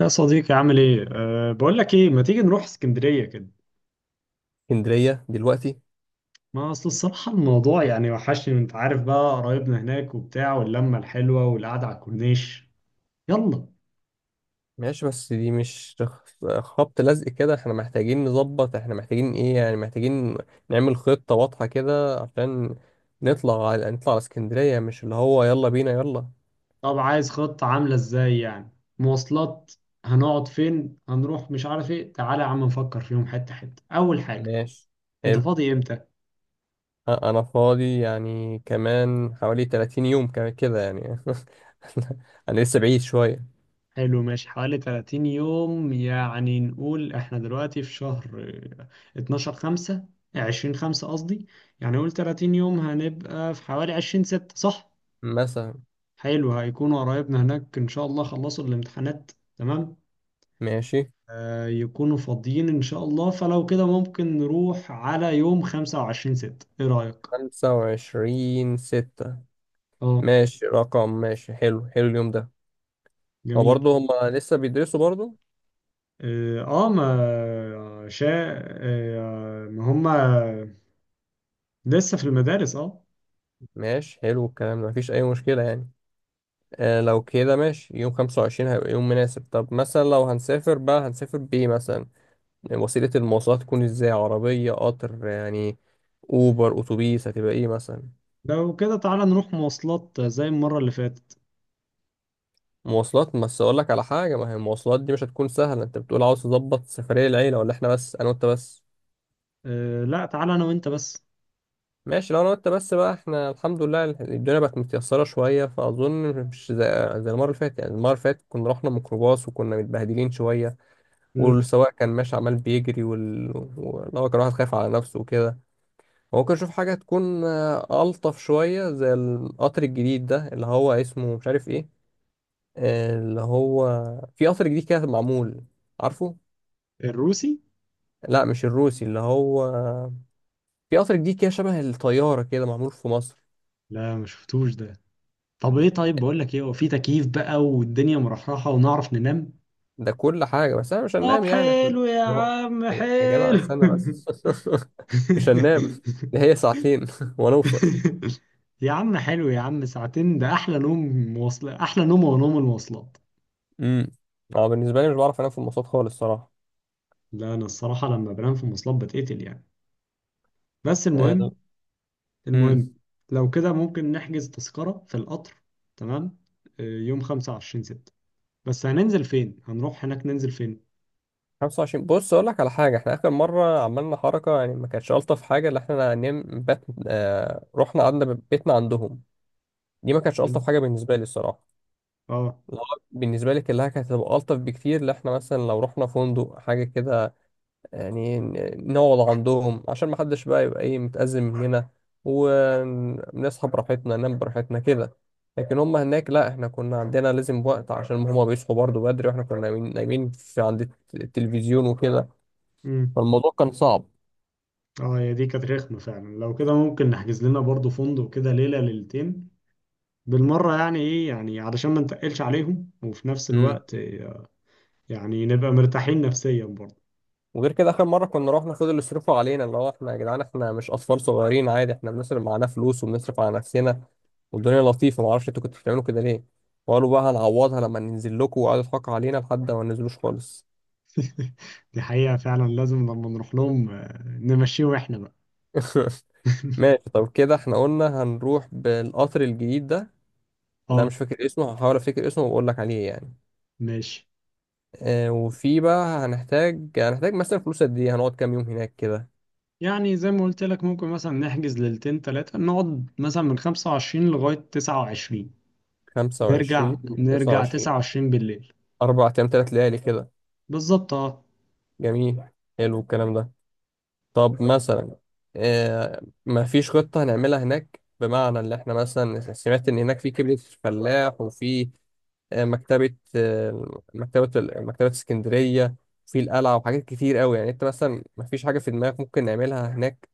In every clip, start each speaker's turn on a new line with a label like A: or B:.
A: يا صديقي عامل ايه؟ بقول لك ايه، ما تيجي نروح اسكندرية كده؟
B: اسكندرية دلوقتي.
A: ما اصل الصراحة الموضوع يعني وحشني، وانت عارف بقى قرايبنا هناك وبتاع واللمة الحلوة والقعدة على الكورنيش. يلا.
B: ماشي، بس دي مش خبط لزق كده. احنا محتاجين نظبط، احنا محتاجين ايه يعني، محتاجين نعمل خطة واضحة كده عشان نطلع على اسكندرية، مش اللي هو يلا بينا يلا.
A: طب عايز خطة عاملة ازاي يعني؟ مواصلات. هنقعد فين؟ هنروح مش عارف ايه، تعالى يا عم نفكر فيهم حتة حتة. أول حاجة،
B: ماشي.
A: انت
B: حلو.
A: فاضي امتى؟
B: انا فاضي يعني كمان حوالي 30 يوم كمان كده يعني انا لسه بعيد شوية.
A: حلو ماشي، حوالي 30 يوم. يعني نقول احنا دلوقتي في شهر 12 5. 20 5 قصدي. يعني نقول 30 يوم هنبقى في حوالي 20 6، صح؟
B: مثلا.
A: حلو، هيكونوا قرايبنا هناك ان شاء الله خلصوا الامتحانات. تمام.
B: ماشي.
A: يكونوا فاضيين ان شاء الله، فلو كده ممكن نروح على يوم 25 6، ايه رأيك؟
B: 25 ستة.
A: اه.
B: ماشي رقم، ماشي، حلو حلو اليوم ده. هو
A: جميل.
B: برضه هما لسه بيدرسوا برضه.
A: اه. آه، ما شا آه ما هما لسه في المدارس، اه.
B: ماشي، حلو الكلام ده، مفيش أي مشكلة يعني. آه لو كده ماشي، يوم خمسة وعشرين هيبقى يوم مناسب. طب مثلا لو هنسافر بقى هنسافر بإيه مثلا؟ وسيلة المواصلات تكون إزاي، عربية، قطر يعني، أوبر، أتوبيس، هتبقى إيه مثلا؟
A: لو كده تعالى نروح مواصلات زي المرة اللي فاتت.
B: مواصلات. بس أقول لك على حاجة، ما هي المواصلات دي مش هتكون سهلة. أنت بتقول عاوز تظبط سفرية العيلة ولا إحنا بس أنا وأنت بس؟
A: لا، تعالى أنا وأنت بس.
B: ماشي لو أنا وأنت بس بقى، إحنا الحمد لله الدنيا بقت متيسرة شوية فأظن مش زي المرة اللي فاتت. يعني المرة اللي فاتت كنا رحنا ميكروباص وكنا متبهدلين شوية،
A: مم.
B: والسواق كان ماشي عمال بيجري وإن هو كان واحد خايف على نفسه وكده. ممكن أشوف حاجة تكون ألطف شوية زي القطر الجديد ده اللي هو اسمه مش عارف إيه، اللي هو في قطر جديد كده معمول. عارفه؟
A: الروسي.
B: لا مش الروسي، اللي هو في قطر جديد كده شبه الطيارة كده معمول في مصر.
A: لا ما شفتوش ده. طب إيه؟ طيب بقول لك إيه، هو في تكييف بقى والدنيا مرحرحة ونعرف ننام.
B: ده كل حاجة، بس أنا مش
A: طب
B: هننام يعني
A: حلو يا
B: ده هو-
A: عم،
B: يا يا جدع
A: حلو.
B: استنى بس مش هننام. ده هي ساعتين وأنا أوصل.
A: يا عم حلو يا عم، ساعتين ده أحلى نوم. مواصلات، أحلى نوم ونوم المواصلات.
B: امم اه بالنسبة لي مش بعرف أنام في المواصلات خالص صراحة.
A: لا أنا الصراحة لما بنام في المواصلات بتقتل يعني. بس
B: آه،
A: المهم
B: امم
A: المهم لو كده ممكن نحجز تذكرة في القطر. تمام. يوم خمسة وعشرين ستة. بس هننزل فين؟ هنروح هناك ننزل فين؟
B: 25. بص اقول لك على حاجه، احنا اخر مره عملنا حركه يعني ما كانتش الطف حاجه، اللي احنا نم بات، آه رحنا قعدنا بيتنا عندهم. دي ما كانتش الطف
A: هن-
B: حاجه بالنسبه لي الصراحه.
A: اه
B: لو بالنسبه لي كلها كانت هتبقى الطف بكتير، اللي احنا مثلا لو رحنا فندق حاجه كده، يعني نقعد عندهم، عشان ما حدش بقى يبقى ايه متأزم مننا، ونصحى براحتنا ننام براحتنا كده. لكن هم هناك لا، احنا كنا عندنا لازم وقت عشان هم بيصحوا برضه بدري واحنا كنا نايمين نايمين في عند التلفزيون وكده.
A: امم
B: فالموضوع كان صعب.
A: اه، هي دي كانت رخمة فعلا، لو كده ممكن نحجز لنا برضو فندق كده ليلة ليلتين بالمرة، يعني ايه، يعني علشان ما نتقلش عليهم، وفي نفس
B: امم
A: الوقت يعني نبقى مرتاحين نفسيا برضو.
B: وغير كده اخر مره كنا رحنا خدوا اللي يصرفوا علينا، اللي هو احنا يا جدعان احنا مش اطفال صغيرين عادي، احنا بنصرف معانا فلوس وبنصرف على نفسنا والدنيا لطيفه. ما اعرفش انتوا كنتوا بتعملوا كده ليه؟ وقالوا بقى هنعوضها لما ننزل لكم، وقعدوا يضحكوا علينا لحد ما ننزلوش خالص.
A: دي حقيقة فعلا، لازم لما نروح لهم نمشيهم احنا بقى.
B: ماشي. طب كده احنا قلنا هنروح بالقطر الجديد ده. لا مش
A: اه،
B: فاكر اسمه، هحاول افتكر اسمه واقول لك عليه يعني.
A: ماشي.
B: اه. وفي بقى هنحتاج، هنحتاج مثلا فلوس قد ايه، هنقعد كام يوم هناك كده؟
A: يعني زي ما قلت لك ممكن مثلا نحجز ليلتين تلاتة، نقعد مثلا من خمسة وعشرين لغاية تسعة وعشرين.
B: 25.
A: نرجع
B: 29.
A: تسعة وعشرين بالليل.
B: أربع أيام تلات ليالي كده.
A: بالظبط، اه.
B: جميل. حلو الكلام ده. طب مثلا آه ما فيش خطة هنعملها هناك، بمعنى اللي احنا مثلا سمعت إن هناك في كبدة الفلاح وفي آه مكتبة، آه مكتبة مكتبة اسكندرية، في القلعة، وحاجات كتير قوي يعني. أنت مثلا ما فيش حاجة في دماغك ممكن نعملها هناك؟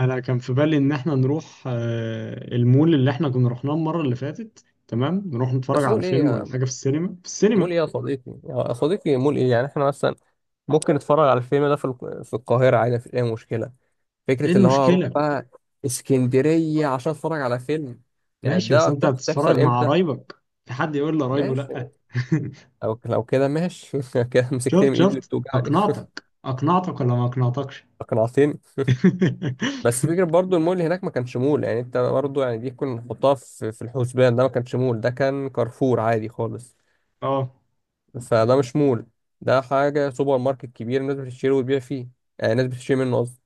A: أنا كان في بالي إن احنا نروح المول اللي احنا كنا رحناه المرة اللي فاتت، تمام، نروح نتفرج
B: بس
A: على
B: مول
A: فيلم
B: إيه؟
A: ولا حاجة في السينما.
B: مول إيه يا صديقي؟ يا صديقي مول إيه يعني؟ احنا مثلا ممكن نتفرج على الفيلم ده في في القاهرة عادي، مفيش أي مشكلة.
A: ايه
B: فكرة اللي هو أروح
A: المشكلة؟
B: بقى اسكندرية عشان أتفرج على فيلم؟ يعني
A: ماشي، بس
B: ده
A: انت
B: تحصل
A: هتتفرج مع
B: إمتى؟
A: قرايبك؟ في حد يقول لقرايبه
B: ماشي.
A: لأ؟
B: لو كده ماشي كده مسكتني
A: شفت،
B: من إيدي اللي
A: شفت
B: بتوجعني.
A: أقنعتك، أقنعتك ولا ما أقنعتكش؟
B: أقنعتني. بس فكرة برضو، المول هناك ما كانش مول يعني، أنت برضو يعني دي كنا نحطها في الحسبان. ده ما كانش مول، ده كان كارفور عادي خالص.
A: اه.
B: فده مش مول، ده حاجة سوبر ماركت كبير الناس بتشتري وتبيع فيه، آه الناس بتشتري منه قصدي.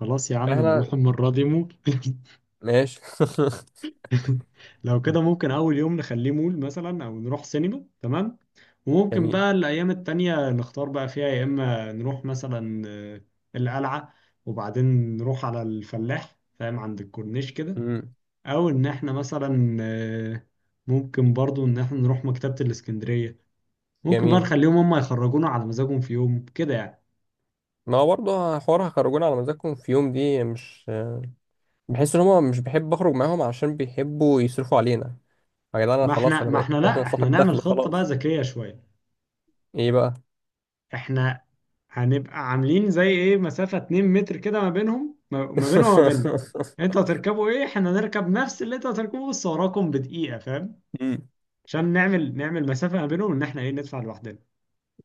A: خلاص يا عم
B: إحنا.
A: نروح المرة دي مول.
B: ماشي
A: لو كده ممكن أول يوم نخليه مول مثلا، أو نروح سينما، تمام. وممكن
B: جميل.
A: بقى الأيام التانية نختار بقى فيها يا إما نروح مثلا القلعة، وبعدين نروح على الفلاح، فاهم، عند الكورنيش كده.
B: مم.
A: أو إن إحنا مثلا ممكن برضو إن إحنا نروح مكتبة الإسكندرية. ممكن بقى
B: جميل.
A: نخليهم هما يخرجونا على مزاجهم في يوم كده يعني.
B: ما هو برضه حوار هخرجونا على مزاجكم في يوم، دي مش، بحس ان هم مش بحب اخرج معاهم عشان بيحبوا يصرفوا علينا. يا جدعان انا
A: ما
B: خلاص
A: إحنا
B: انا
A: ما
B: بقيت
A: إحنا لأ، إحنا
B: صاحب
A: نعمل
B: دخل
A: خطة بقى
B: خلاص.
A: ذكية شوية.
B: ايه بقى؟
A: احنا هنبقى عاملين زي ايه، مسافة 2 متر كده ما بينهم، ما بينه وما بيننا. انتوا هتركبوا ايه؟ احنا هنركب نفس اللي انتوا هتركبوه بس وراكم بدقيقة، فاهم.
B: مم.
A: عشان نعمل مسافة ما بينهم، ان احنا ايه، ندفع لوحدنا.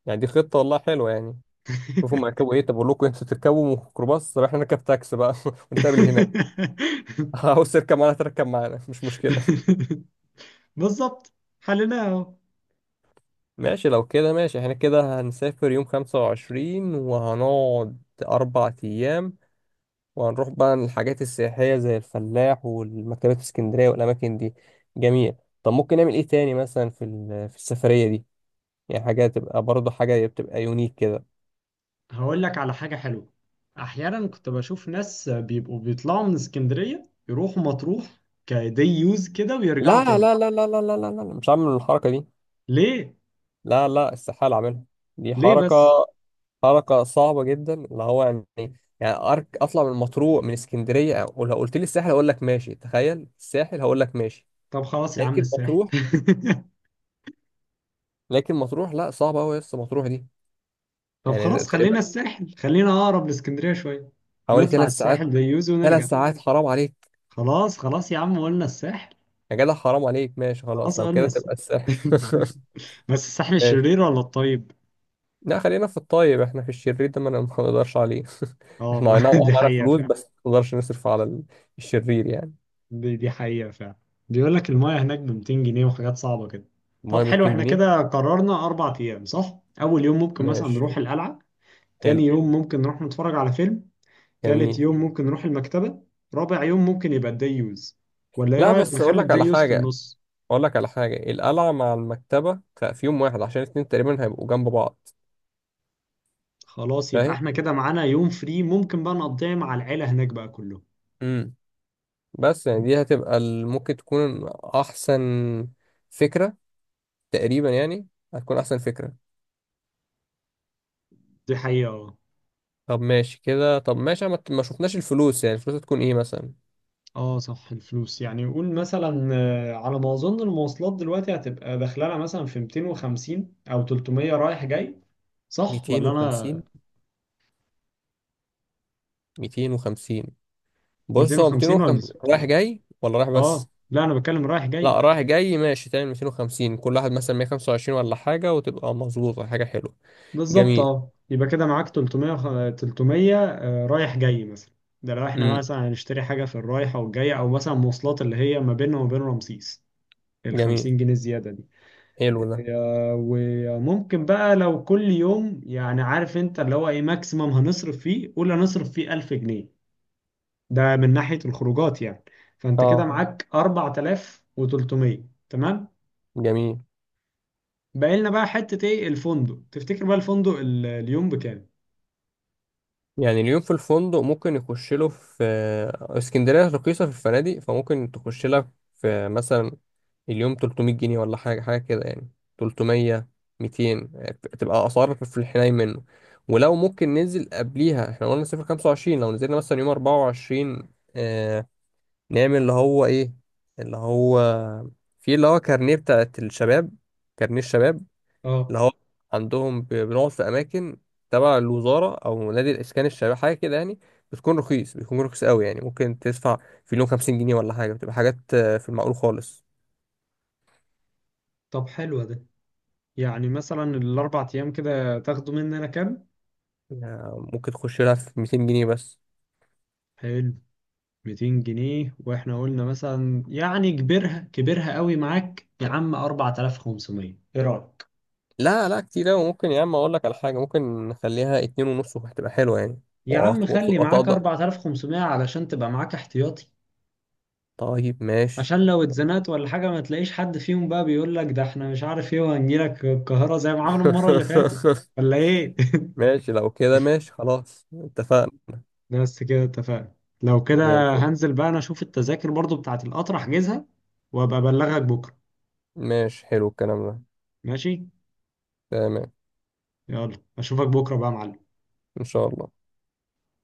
B: يعني دي خطة والله حلوة يعني. شوفوا هم هيركبوا ايه، طب اقول لكم انتوا تركبوا ميكروباص، طب احنا نركب تاكسي بقى ونتقابل هناك. عاوز تركب معانا تركب معانا، مش مشكلة.
A: بالظبط. حلنا اهو.
B: ماشي. لو كده ماشي، احنا كده هنسافر يوم 25 وهنقعد أربع أيام، وهنروح بقى للحاجات السياحية زي الفلاح والمكتبات الاسكندرية والأماكن دي. جميل. طب ممكن نعمل إيه تاني مثلا في السفرية دي؟ يعني حاجة تبقى برضه، حاجة بتبقى يونيك كده.
A: هقول لك على حاجة حلوة. احيانا كنت بشوف ناس بيبقوا بيطلعوا من اسكندرية يروحوا مطروح، كدي يوز كده ويرجعوا
B: لا لا
A: تاني.
B: لا لا لا لا لا لا، مش هعمل الحركة دي.
A: ليه؟
B: لا لا، استحالة أعملها، دي
A: ليه
B: حركة،
A: بس؟
B: حركة صعبة جدا اللي هو يعني. يعني أرك أطلع من مطروح من اسكندرية، أو لو قلت لي الساحل أقول لك ماشي. تخيل الساحل هقول لك ماشي،
A: طب خلاص يا عم
B: لكن
A: الساحل.
B: مطروح، لكن مطروح لا، صعبة أوي يا اسطى مطروح دي.
A: طب
B: يعني
A: خلاص
B: تقريبا
A: خلينا الساحل، خلينا اقرب لاسكندريه شويه.
B: حوالي
A: نطلع
B: ثلاث ساعات.
A: الساحل بيوزي
B: ثلاث
A: ونرجع.
B: ساعات حرام عليك.
A: خلاص خلاص يا عم قلنا الساحل.
B: يا جدع حرام عليك ماشي خلاص
A: خلاص
B: لو
A: قلنا
B: كده
A: الساحل.
B: تبقى الساحل
A: بس الساحل
B: ماشي.
A: الشرير ولا الطيب؟
B: لا خلينا في الطيب، احنا في الشرير ده ما ما نقدرش عليه.
A: اه،
B: احنا اي نعم اه
A: دي
B: معانا
A: حقيقه
B: فلوس،
A: فعلا.
B: بس ما نقدرش نصرف على الشرير يعني.
A: دي حقيقه فعلا. بيقول لك المايه هناك ب 200 جنيه، وحاجات صعبه كده. طب
B: ميه ب
A: حلو،
B: 200
A: احنا
B: جنيه
A: كده قررنا اربع ايام، صح؟ اول يوم ممكن مثلا
B: ماشي.
A: نروح القلعه. تاني
B: حلو.
A: يوم ممكن نروح نتفرج على فيلم. تالت
B: جميل.
A: يوم ممكن نروح المكتبه. رابع يوم ممكن يبقى الديوز. ولا ايه
B: لا
A: رايك
B: بس اقول
A: نخلي
B: لك على
A: الديوز في
B: حاجه،
A: النص؟
B: اقول لك على حاجه، القلعه مع المكتبه في يوم واحد عشان الاتنين تقريبا هيبقوا جنب بعض.
A: خلاص، يبقى
B: فاهم.
A: احنا كده معانا يوم فري ممكن بقى نقضيه مع العيلة هناك بقى كله.
B: امم بس يعني دي هتبقى ممكن تكون احسن فكره، تقريبا يعني، هتكون احسن فكره.
A: دي حقيقة، اه.
B: طب ماشي كده. طب ماشي. ما شفناش الفلوس يعني، الفلوس هتكون ايه مثلا؟
A: اه صح، الفلوس يعني قول مثلا على ما اظن المواصلات دلوقتي هتبقى داخلها مثلا في 250 او 300 رايح جاي، صح ولا
B: 250.
A: انا؟
B: 250 بص، هو
A: 250 ولا
B: 250 رايح
A: 600؟
B: جاي ولا رايح
A: اه
B: بس؟
A: لا انا بتكلم رايح جاي.
B: لا رايح جاي ماشي. تعمل 250 كل واحد مثلا 125 ولا حاجة، وتبقى مظبوطة حاجة حلوة.
A: بالظبط
B: جميل.
A: اه، يبقى كده معاك 300، 300 رايح جاي مثلا. ده لو احنا
B: امم
A: مثلا هنشتري حاجة في الرايحة والجاية، او مثلا مواصلات اللي هي ما بيننا وما بين رمسيس، ال
B: جميل.
A: 50 جنيه زيادة.
B: حلو ده.
A: آه، وممكن بقى لو كل يوم، يعني عارف انت اللي هو ايه، ماكسيمم هنصرف فيه قول هنصرف فيه 1000 جنيه، ده من ناحية الخروجات يعني. فانت كده اه
B: اه.
A: معاك 4300، تمام.
B: جميل.
A: باقي لنا بقى حتة ايه، الفندق، تفتكر بقى الفندق اليوم بكام؟
B: يعني اليوم في الفندق ممكن يخش له في اسكندرية رخيصة في الفنادق فممكن تخش لك في مثلا اليوم 300 جنيه ولا حاجة، حاجة كده يعني. 300. 200. تبقى أسعار في الحنين منه. ولو ممكن ننزل قبليها احنا قلنا صفر 25، لو نزلنا مثلا يوم 24 آه، نعمل اللي هو ايه، اللي هو في اللي هو كارنيه بتاعت الشباب، كارنيه الشباب،
A: اه
B: اللي هو عندهم بنقعد في أماكن تبع الوزارة أو نادي الإسكان الشباب حاجة كده يعني. بتكون رخيص، بيكون رخيص قوي يعني ممكن تدفع في اليوم 50 جنيه ولا حاجة، بتبقى حاجات في المعقول خالص.
A: طب حلو ده. يعني مثلا الاربع ايام كده تاخدوا مننا كام؟
B: ممكن تخش لها في 200 جنيه بس.
A: حلو. 200 جنيه، واحنا قلنا مثلا، يعني كبرها كبرها قوي، معاك يا عم 4500، ايه رأيك؟
B: لا لا كتير أوي. ممكن يا عم، أقول لك على حاجة، ممكن نخليها اتنين ونص وهتبقى حلوة يعني.
A: يا عم خلي معاك
B: وأتقدر.
A: 4500 علشان تبقى معاك احتياطي،
B: طيب ماشي.
A: عشان لو اتزنقت ولا حاجة ما تلاقيش حد فيهم بقى بيقول لك ده احنا مش عارف ايه وهنجيلك القاهرة زي ما عملوا المرة اللي فاتت. ولا ايه؟
B: ماشي لو كده ماشي خلاص اتفقنا.
A: بس كده اتفقنا. لو
B: زي
A: كده
B: الفل.
A: هنزل بقى انا اشوف التذاكر برضو بتاعت القطر احجزها، وابقى ابلغك بكرة.
B: ماشي حلو الكلام ده.
A: ماشي.
B: تمام.
A: يلا اشوفك بكرة بقى يا معلم.
B: إن شاء الله.